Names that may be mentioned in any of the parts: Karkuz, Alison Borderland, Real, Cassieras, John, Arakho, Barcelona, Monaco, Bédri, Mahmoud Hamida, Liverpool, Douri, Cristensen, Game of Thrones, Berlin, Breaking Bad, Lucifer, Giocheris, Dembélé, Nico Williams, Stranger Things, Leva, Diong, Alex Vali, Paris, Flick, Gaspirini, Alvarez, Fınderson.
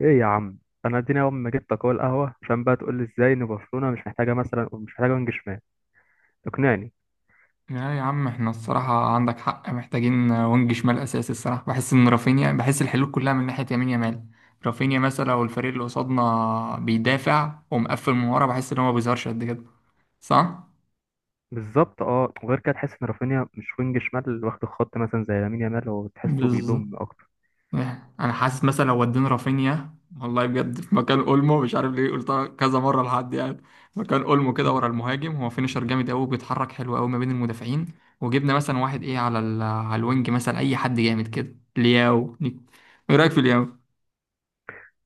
ايه يا عم. انا اديني اول ما جبتك اهو القهوه عشان بقى تقول لي ازاي ان برشلونه مش محتاجه وينج شمال. اقنعني. لا يا عم، احنا الصراحة عندك حق، محتاجين وينج شمال أساسي. الصراحة بحس إن رافينيا بحس الحلول كلها من ناحية يمين يمال. رافينيا مثلا لو الفريق اللي قصادنا بيدافع ومقفل من ورا، بحس إن هو ما بيظهرش قد كده، صح؟ بالظبط اه، وغير كده تحس ان رافينيا مش وينج شمال اللي واخد الخط مثلا زي لامين يامال، هو تحسه بالظبط. بيضم اكتر. إيه، انا حاسس مثلا لو ودينا رافينيا والله بجد في مكان اولمو، مش عارف ليه قلتها كذا مره لحد يعني. مكان اولمو كده ورا مم. المهاجم، هو فينيشر جامد قوي، بيتحرك حلو قوي ما بين المدافعين. وجبنا مثلا واحد ايه على الوينج مثلا، اي حد جامد كده، لياو. ايه رايك في لياو؟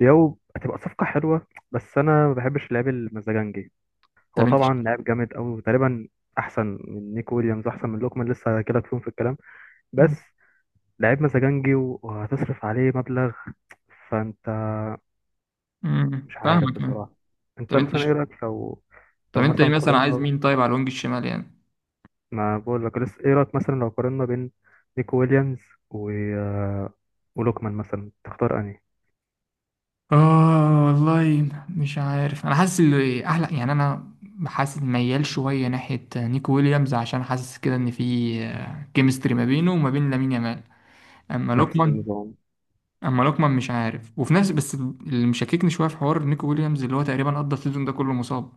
يو، هتبقى صفقه حلوه بس انا ما بحبش اللعيب المزاجنجي. هو طب انت ش... طبعا لاعب جامد قوي، وتقريبا احسن من نيكو ويليامز، احسن من لوكمان، لسه هجيلك فيهم في الكلام. بس لعيب مزاجنجي وهتصرف عليه مبلغ، فانت مش عارف فاهمك يعني. بصراحة. طب انت انت مثلا ش... ايه رأيك لو، طب لو انت إيه مثلا مثلا، عايز قارنا، مين طيب على الوينج الشمال يعني؟ ما بقول لك لسه ايه رأيك مثلا لو قارنا بين نيكو ويليامز و ولوكمان، مثلا تختار انهي؟ اه والله مش عارف، انا حاسس اللي احلى يعني، انا حاسس ميال شويه ناحيه نيكو ويليامز، عشان حاسس كده ان في كيمستري ما بينه وما بين لامين يامال. اما نفس لوكمان النظام. اما لوكمان مش عارف، وفي نفس، بس اللي مشككني شويه في حوار نيكو ويليامز، اللي هو تقريبا قضى السيزون ده كله مصاب.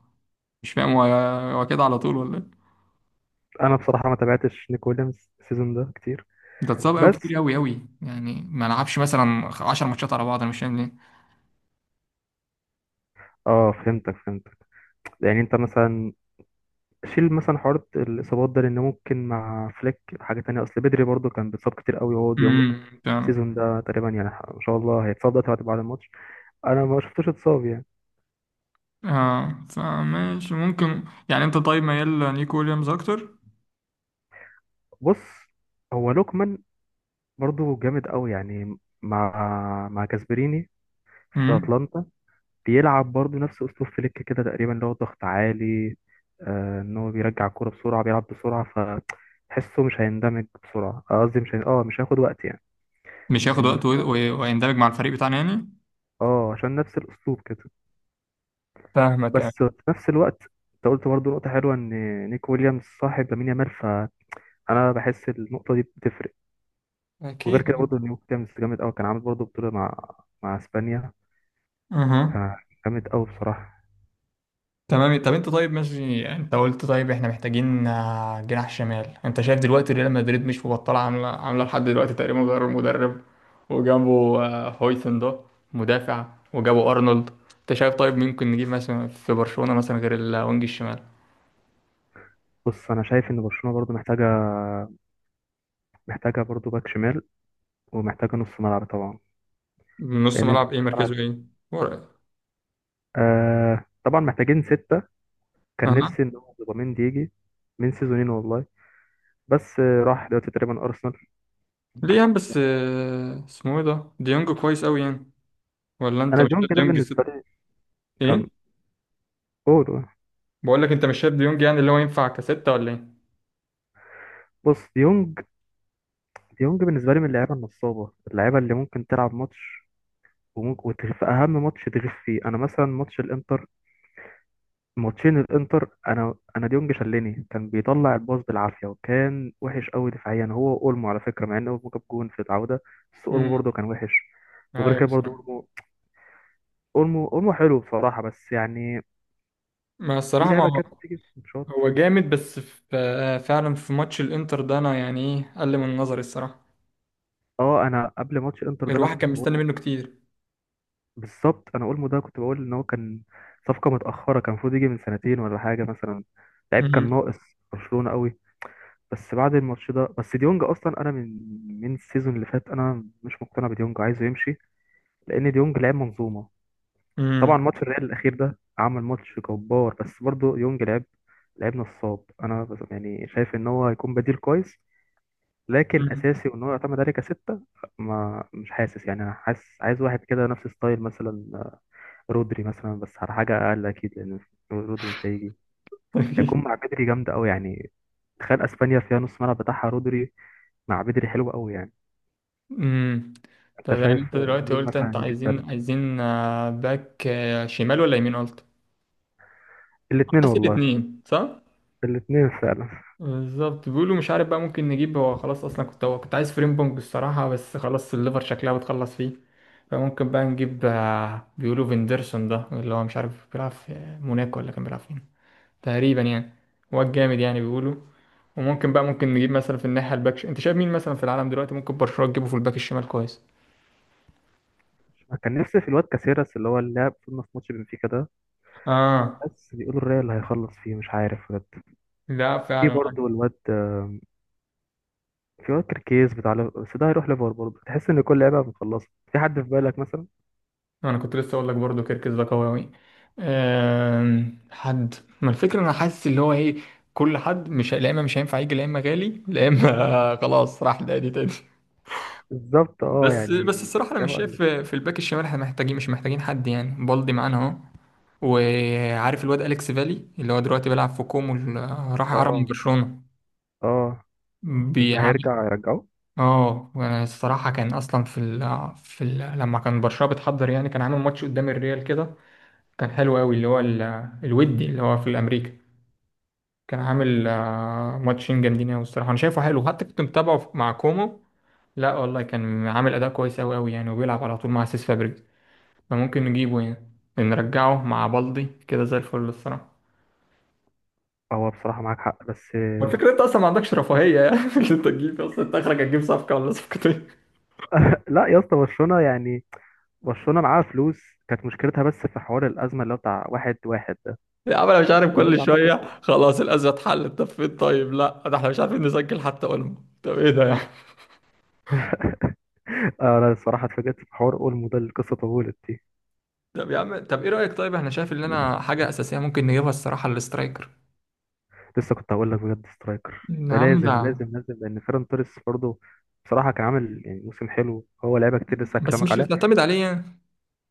مش فاهم، هو هو كده على طول ولا إيه؟ انا بصراحة ما تابعتش نيكو ويليامز السيزون ده كتير. ده اتصاب قوي بس كتير، قوي قوي يعني، ما لعبش مثلا 10 ماتشات على بعض، انا مش فاهم ليه. اه، فهمتك. يعني انت مثلا شيل مثلا حوار الاصابات ده، لان ممكن مع فليك حاجة تانية، اصل بدري برضو كان بيتصاب كتير قوي، وهو ديونج امم، فاهم. السيزون ده تقريبا يعني ان شاء الله هيتصاب دلوقتي بعد الماتش. انا ما شفتوش اتصاب يعني. اه فماشي، ممكن. يعني انت طيب ميال نيكو ويليامز اكتر؟ بص، هو لوكمان برضو جامد قوي يعني، مع مع جاسبريني في مم. اتلانتا، بيلعب برضو نفس اسلوب فليك كده تقريبا، اللي هو ضغط عالي. آه، ان هو بيرجع الكوره بسرعه، بيلعب بسرعه، فتحسه مش هيندمج بسرعه، آه، قصدي مش هي... اه مش هياخد وقت يعني. مش هياخد إن... وقت ويندمج مع الفريق بتاعنا يعني. اه عشان نفس الاسلوب كده. فاهمك يعني. بس في نفس الوقت انت قلت برضو نقطه حلوه، ان نيك ويليامز صاحب لامين يامال، فانا بحس النقطه دي بتفرق. وغير أكيد. كده برضه نيو كامس جامد قوي، كان عامل برضه بطولة مع مع اسبانيا. اها. آه، جامد قوي بصراحة. تمام. طب انت طيب ماشي، انت قلت طيب احنا محتاجين آه، جناح شمال. انت شايف دلوقتي ريال مدريد مش مبطله، عامله عامله لحد دلوقتي تقريبا غير المدرب، وجابوا آه، هويسن ده، مدافع، وجابوا ارنولد. انت شايف طيب ممكن نجيب مثلا في برشلونه مثلا غير الوينج الشمال؟ بص، أنا شايف إن برشلونة برضو محتاجة، محتاجة برضو باك شمال، ومحتاجة نص ملعب طبعا. نص لأن أنت نص ملعب ايه، مركزه ملعب، ايه؟ ورا. آه طبعا محتاجين ستة. كان اها. نفسي إن هو زوباميندي يجي من سيزونين والله، بس راح دلوقتي تقريبا أرسنال. ليه يعني بس آه، اسمه ايه ده، ديونج كويس قوي يعني، ولا انت أنا مش ديونج شايف ده ديونج؟ بالنسبة لي كان، ايه. قول بقول لك انت مش شايف ديونج يعني، اللي هو ينفع كستة ولا ايه؟ بص، ديونج، ديونج بالنسبة لي من اللعيبة النصابة، اللعيبة اللي ممكن تلعب ماتش وممكن في أهم ماتش تغيب فيه. أنا مثلا ماتش الإنتر، ماتشين الانتر، انا ديونج شلني، كان بيطلع الباص بالعافيه وكان وحش قوي دفاعيا. هو اولمو على فكره، مع ان اولمو جاب جون في العوده بس اولمو امم. برضه كان وحش. وغير ايوه كده برضه الصراحة. اولمو اولمو حلو بصراحه، بس يعني ما في الصراحه ما لعبه هو، كده بتيجي في الماتشات. هو جامد، بس في فعلا في ماتش الانتر ده، انا يعني ايه، قل من نظري الصراحه. اه، انا قبل ماتش انتر ده انا الواحد كنت كان مستني بقول، منه كتير. بالظبط، انا اولمو ده كنت بقول ان هو كان صفقه متاخره، كان المفروض يجي من سنتين ولا حاجه مثلا، لعيب كان امم. ناقص برشلونه قوي. بس بعد الماتش ده، بس ديونج اصلا انا من السيزون اللي فات انا مش مقتنع بديونج، عايزه يمشي. لان ديونج لعب منظومه طبعا، امم. ماتش الريال الاخير ده عمل ماتش جبار، بس برضه ديونج لعب نصاب. يعني شايف ان هو هيكون بديل كويس، لكن امم. اساسي وان هو يعتمد عليه كستة، ما مش حاسس يعني. انا حاسس عايز واحد كده نفس ستايل مثلا رودري مثلا، بس على حاجه اقل اكيد لان رودري مش هيجي. هيكون مع بدري جامدة أوي يعني، تخيل أسبانيا فيها نص ملعب بتاعها رودري مع بدري، حلو أوي يعني. أمم. طب أنت يعني شايف انت دلوقتي مين قلت انت مثلا يجي في عايزين بالك؟ عايزين آه، باك آه، شمال ولا يمين، قلت الاتنين عايز والله، الاثنين، صح؟ الاتنين فعلا. بالظبط. بيقولوا مش عارف بقى، ممكن نجيب، هو خلاص اصلا كنت، هو كنت عايز فريم بونج الصراحه، بس خلاص الليفر شكلها بتخلص فيه. فممكن بقى نجيب آه، بيقولوا فيندرسون ده، اللي هو مش عارف بيلعب في موناكو ولا كان بيلعب فين، تقريبا يعني، هو الجامد يعني بيقولوا. وممكن بقى نجيب مثلا في الناحيه الباك انت شايف مين مثلا في العالم دلوقتي ممكن برشلونه تجيبه في الباك الشمال كويس؟ أنا كان نفسي في الواد كاسيراس اللي هو اللي لعب في نص ماتش بنفيكا ده، اه. بس بيقولوا الريال هيخلص فيه مش عارف بجد. لا في فعلا. برضه الواد، في واد كركيز بتاع بس ده هيروح ليفر برضه. تحس ان كل لعيبه مخلصه. في حد في بالك مثلا؟ انا كنت لسه اقول لك برضو كركز ده قوي قوي. أم، حد؟ ما الفكره انا حاسس اللي هو ايه، كل حد، مش لا اما مش هينفع يجي، لا اما غالي، لا اما خلاص راح لأدي تاني. بالظبط اه بس يعني، بس الصراحه انا لعيبه مش شايف قلت. في في الباك الشمال احنا محتاجين، مش محتاجين حد يعني، بالدي معانا اهو. وعارف الواد اليكس فالي، اللي هو دلوقتي بيلعب في كومو، راح عرب من اه. برشلونه. اه، بس ده بيعمل. هيرجع يرجعه. اه وانا الصراحه كان اصلا لما كان برشلونه بتحضر يعني، كان عامل ماتش قدام الريال كده، كان حلو قوي، اللي هو الودي، اللي هو في الامريكا. كان عامل آه، ماتشين جامدين قوي الصراحه، انا شايفه حلو، حتى كنت متابعه مع كومو. لا والله كان عامل اداء كويس قوي قوي يعني، وبيلعب على طول مع سيس فابريجاس. فممكن نجيبه يعني، نرجعه مع بالدي كده زي الفل الصراحه. هو بصراحه معاك حق بس، والفكرة انت اصلا ما عندكش رفاهية يعني اللي انت تجيب اصلا، انت اخرك هتجيب صفقة ولا صفقتين لا يا اسطى، برشلونه يعني، برشلونه معاها فلوس. كانت مشكلتها بس في حوار الازمه اللي هو بتاع واحد واحد ده، يا عم انا مش عارف، كل دلوقتي اعتقد شوية حل. خلاص الأزمة اتحلت، طب فين طيب؟ لا ده احنا مش عارفين نسجل حتى اولمو. طب ايه ده يعني؟ انا الصراحه اتفاجئت في حوار اولمو ده، القصه طولت دي. طب يا عم طب ايه رأيك، طيب احنا شايف ان انا حاجة أساسية ممكن نجيبها الصراحة، الاسترايكر. لسه كنت هقول لك بجد، سترايكر ده نعم ده. لازم لازم لازم، لان فيران توريس برضه بصراحه كان عامل يعني موسم حلو، هو لعيبه كتير لسه بس هكلمك مش اللي عليها. تعتمد عليه يعني.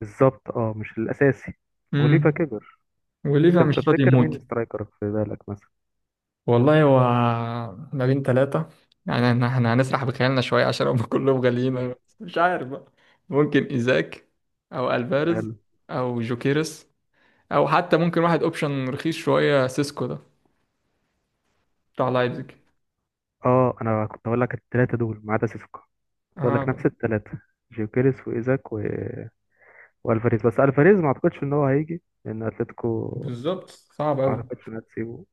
بالظبط اه، مش الاساسي. وليفا امم. كبر. وليفا انت مش راضي بتفتكر مين يموت. سترايكر في بالك مثلا؟ والله، هو ما بين 3 يعني، احنا إحنا هنسرح بخيالنا شوية عشان هم كلهم غاليين، مم. بس مش عارف بقى. ممكن إيزاك، أو ألفاريز، حلو. أو جوكيرس، أو حتى ممكن واحد أوبشن رخيص شوية، سيسكو ده بتاع لايبزيج. اه انا كنت هقول لك الثلاثه دول ما عدا سيسكو. بقول لك اه. نفس الثلاثة، جيوكيريس وإيزاك و... والفاريز. بس الفاريز ما اعتقدش ان هو هيجي، لان اتلتيكو بالظبط، صعب ما أوي اعتقدش انها تسيبه.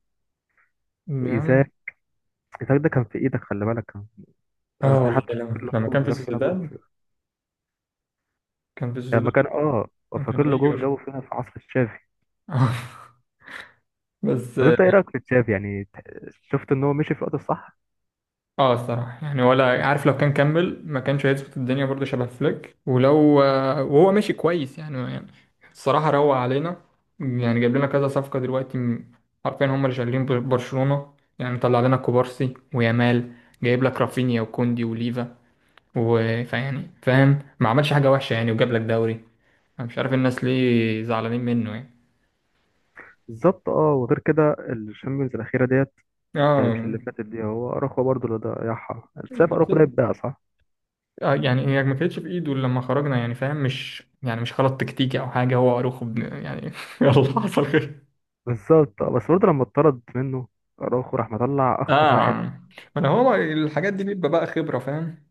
يعني. وايزاك، ايزاك ده كان في ايدك، خلي بالك كان، انا اه في والله، حتى فاكر لما له كان جون، في جاب فينا جون سوسيداد. في-، كان في يعني سوسيداد. لما كان اه، كان فاكر له جون هيجر. جابه فينا في عصر تشافي. بس. طب انت ايه رايك في تشافي يعني؟ شفت ان هو مشي في الوقت الصح. اه الصراحة يعني، ولا عارف، لو كان كمل ما كانش هيظبط الدنيا، برضه شبه فليك، ولو آه، وهو ماشي كويس يعني, يعني الصراحة روق علينا يعني، جايب لنا كذا صفقة دلوقتي، عارفين هم اللي شغالين برشلونة يعني، طلع لنا كوبارسي ويامال، جايب لك رافينيا وكوندي وليفا، فيعني فاهم، ما عملش حاجة وحشة يعني، وجاب لك دوري. انا مش عارف الناس ليه زعلانين منه يعني. بالظبط اه، وغير كده الشامبيونز الاخيره ديت، مش اه. اللي فاتت دي. هو اراخو برضه اللي ضيعها، انت شايف اراخو ده يتباع؟ صح، آه، يعني هي ما كانتش في ايده إلا لما خرجنا يعني، فاهم، مش يعني مش غلط تكتيكي او حاجه، هو اروخو يعني يلا حصل خير. بالظبط اه، بس برضه لما اتطرد منه اراوخو راح مطلع اخطر اه واحد. ما انا، هو الحاجات دي بيبقى بقى خبره، فاهم.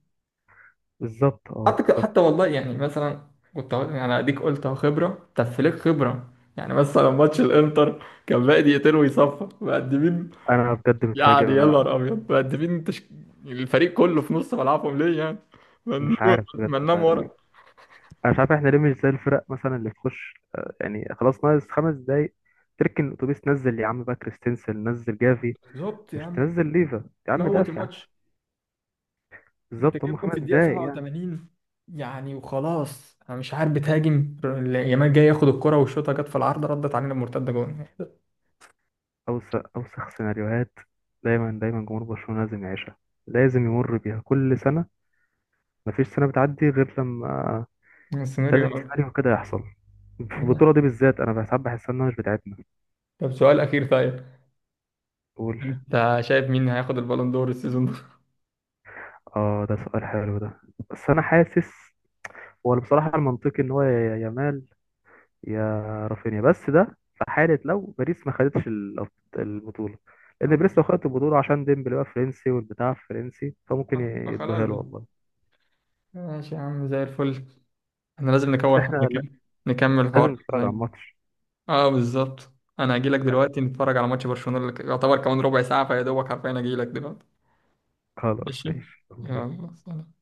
بالظبط اه، حتى بالظبط. حتى والله يعني مثلا كنت يعني اديك قلت اهو خبره، طب فليك خبره يعني، مثلا ماتش الانتر كان باقي دقيقتين ويصفى مقدمين انا بجد متفاجئ، يعني، يا انا نهار ابيض مقدمين، الفريق كله في نص ملعبهم ليه يعني؟ ما مش ننام، عارف بجد، ما مش ننام ورا. عارف. انا مش عارف احنا ليه مش زي الفرق مثلا اللي تخش يعني خلاص، ناقص خمس دقايق، تركن الاتوبيس، نزل يا عم بقى كريستنسن، نزل جافي، بالظبط يا مش عم، تنزل ليفا يا عم. موت دافع، الماتش. انت بالظبط، هم جايب جون في خمس الدقيقة دقايق يعني. 87 يعني، وخلاص، انا مش عارف بتهاجم. يامال جاي ياخد الكرة، والشوطة جت في العارضة، ردت علينا بمرتدة جون اوسخ اوسخ سيناريوهات دايما دايما جمهور برشلونة لازم يعيشها، لازم يمر بيها كل سنة. مفيش سنة بتعدي غير لما، لازم السيناريو أوي. سيناريو كده يحصل. في البطولة دي بالذات أنا ساعات بحس إنها مش بتاعتنا. طب سؤال أخير طيب، تقول. انت شايف مين هياخد البالون دور السيزون ده؟ آه، ده سؤال حلو ده. بس أنا حاسس، هو بصراحة المنطقي إن هو يا يامال، يا رافينيا، بس ده في حالة لو باريس ما خدتش البطولة. لأن باريس لو خدت البطولة، عشان ديمبلي بقى فرنسي والبتاع فرنسي، فممكن آه، خلاص يدوها له بقى. والله. ماشي يا عم، زي الفل. احنا لازم بس نكون إحنا لا- نكمل، نكمل الحوار لازم نتفرج على شوية. الماتش. اه بالظبط. انا هجيلك دلوقتي نتفرج على ماتش برشلونة، اللي يعتبر كمان ربع ساعة، فيا دوبك حرفيا هجيلك دلوقتي. خلاص ماشي. ماشي، يلا بينا. يلا سلام.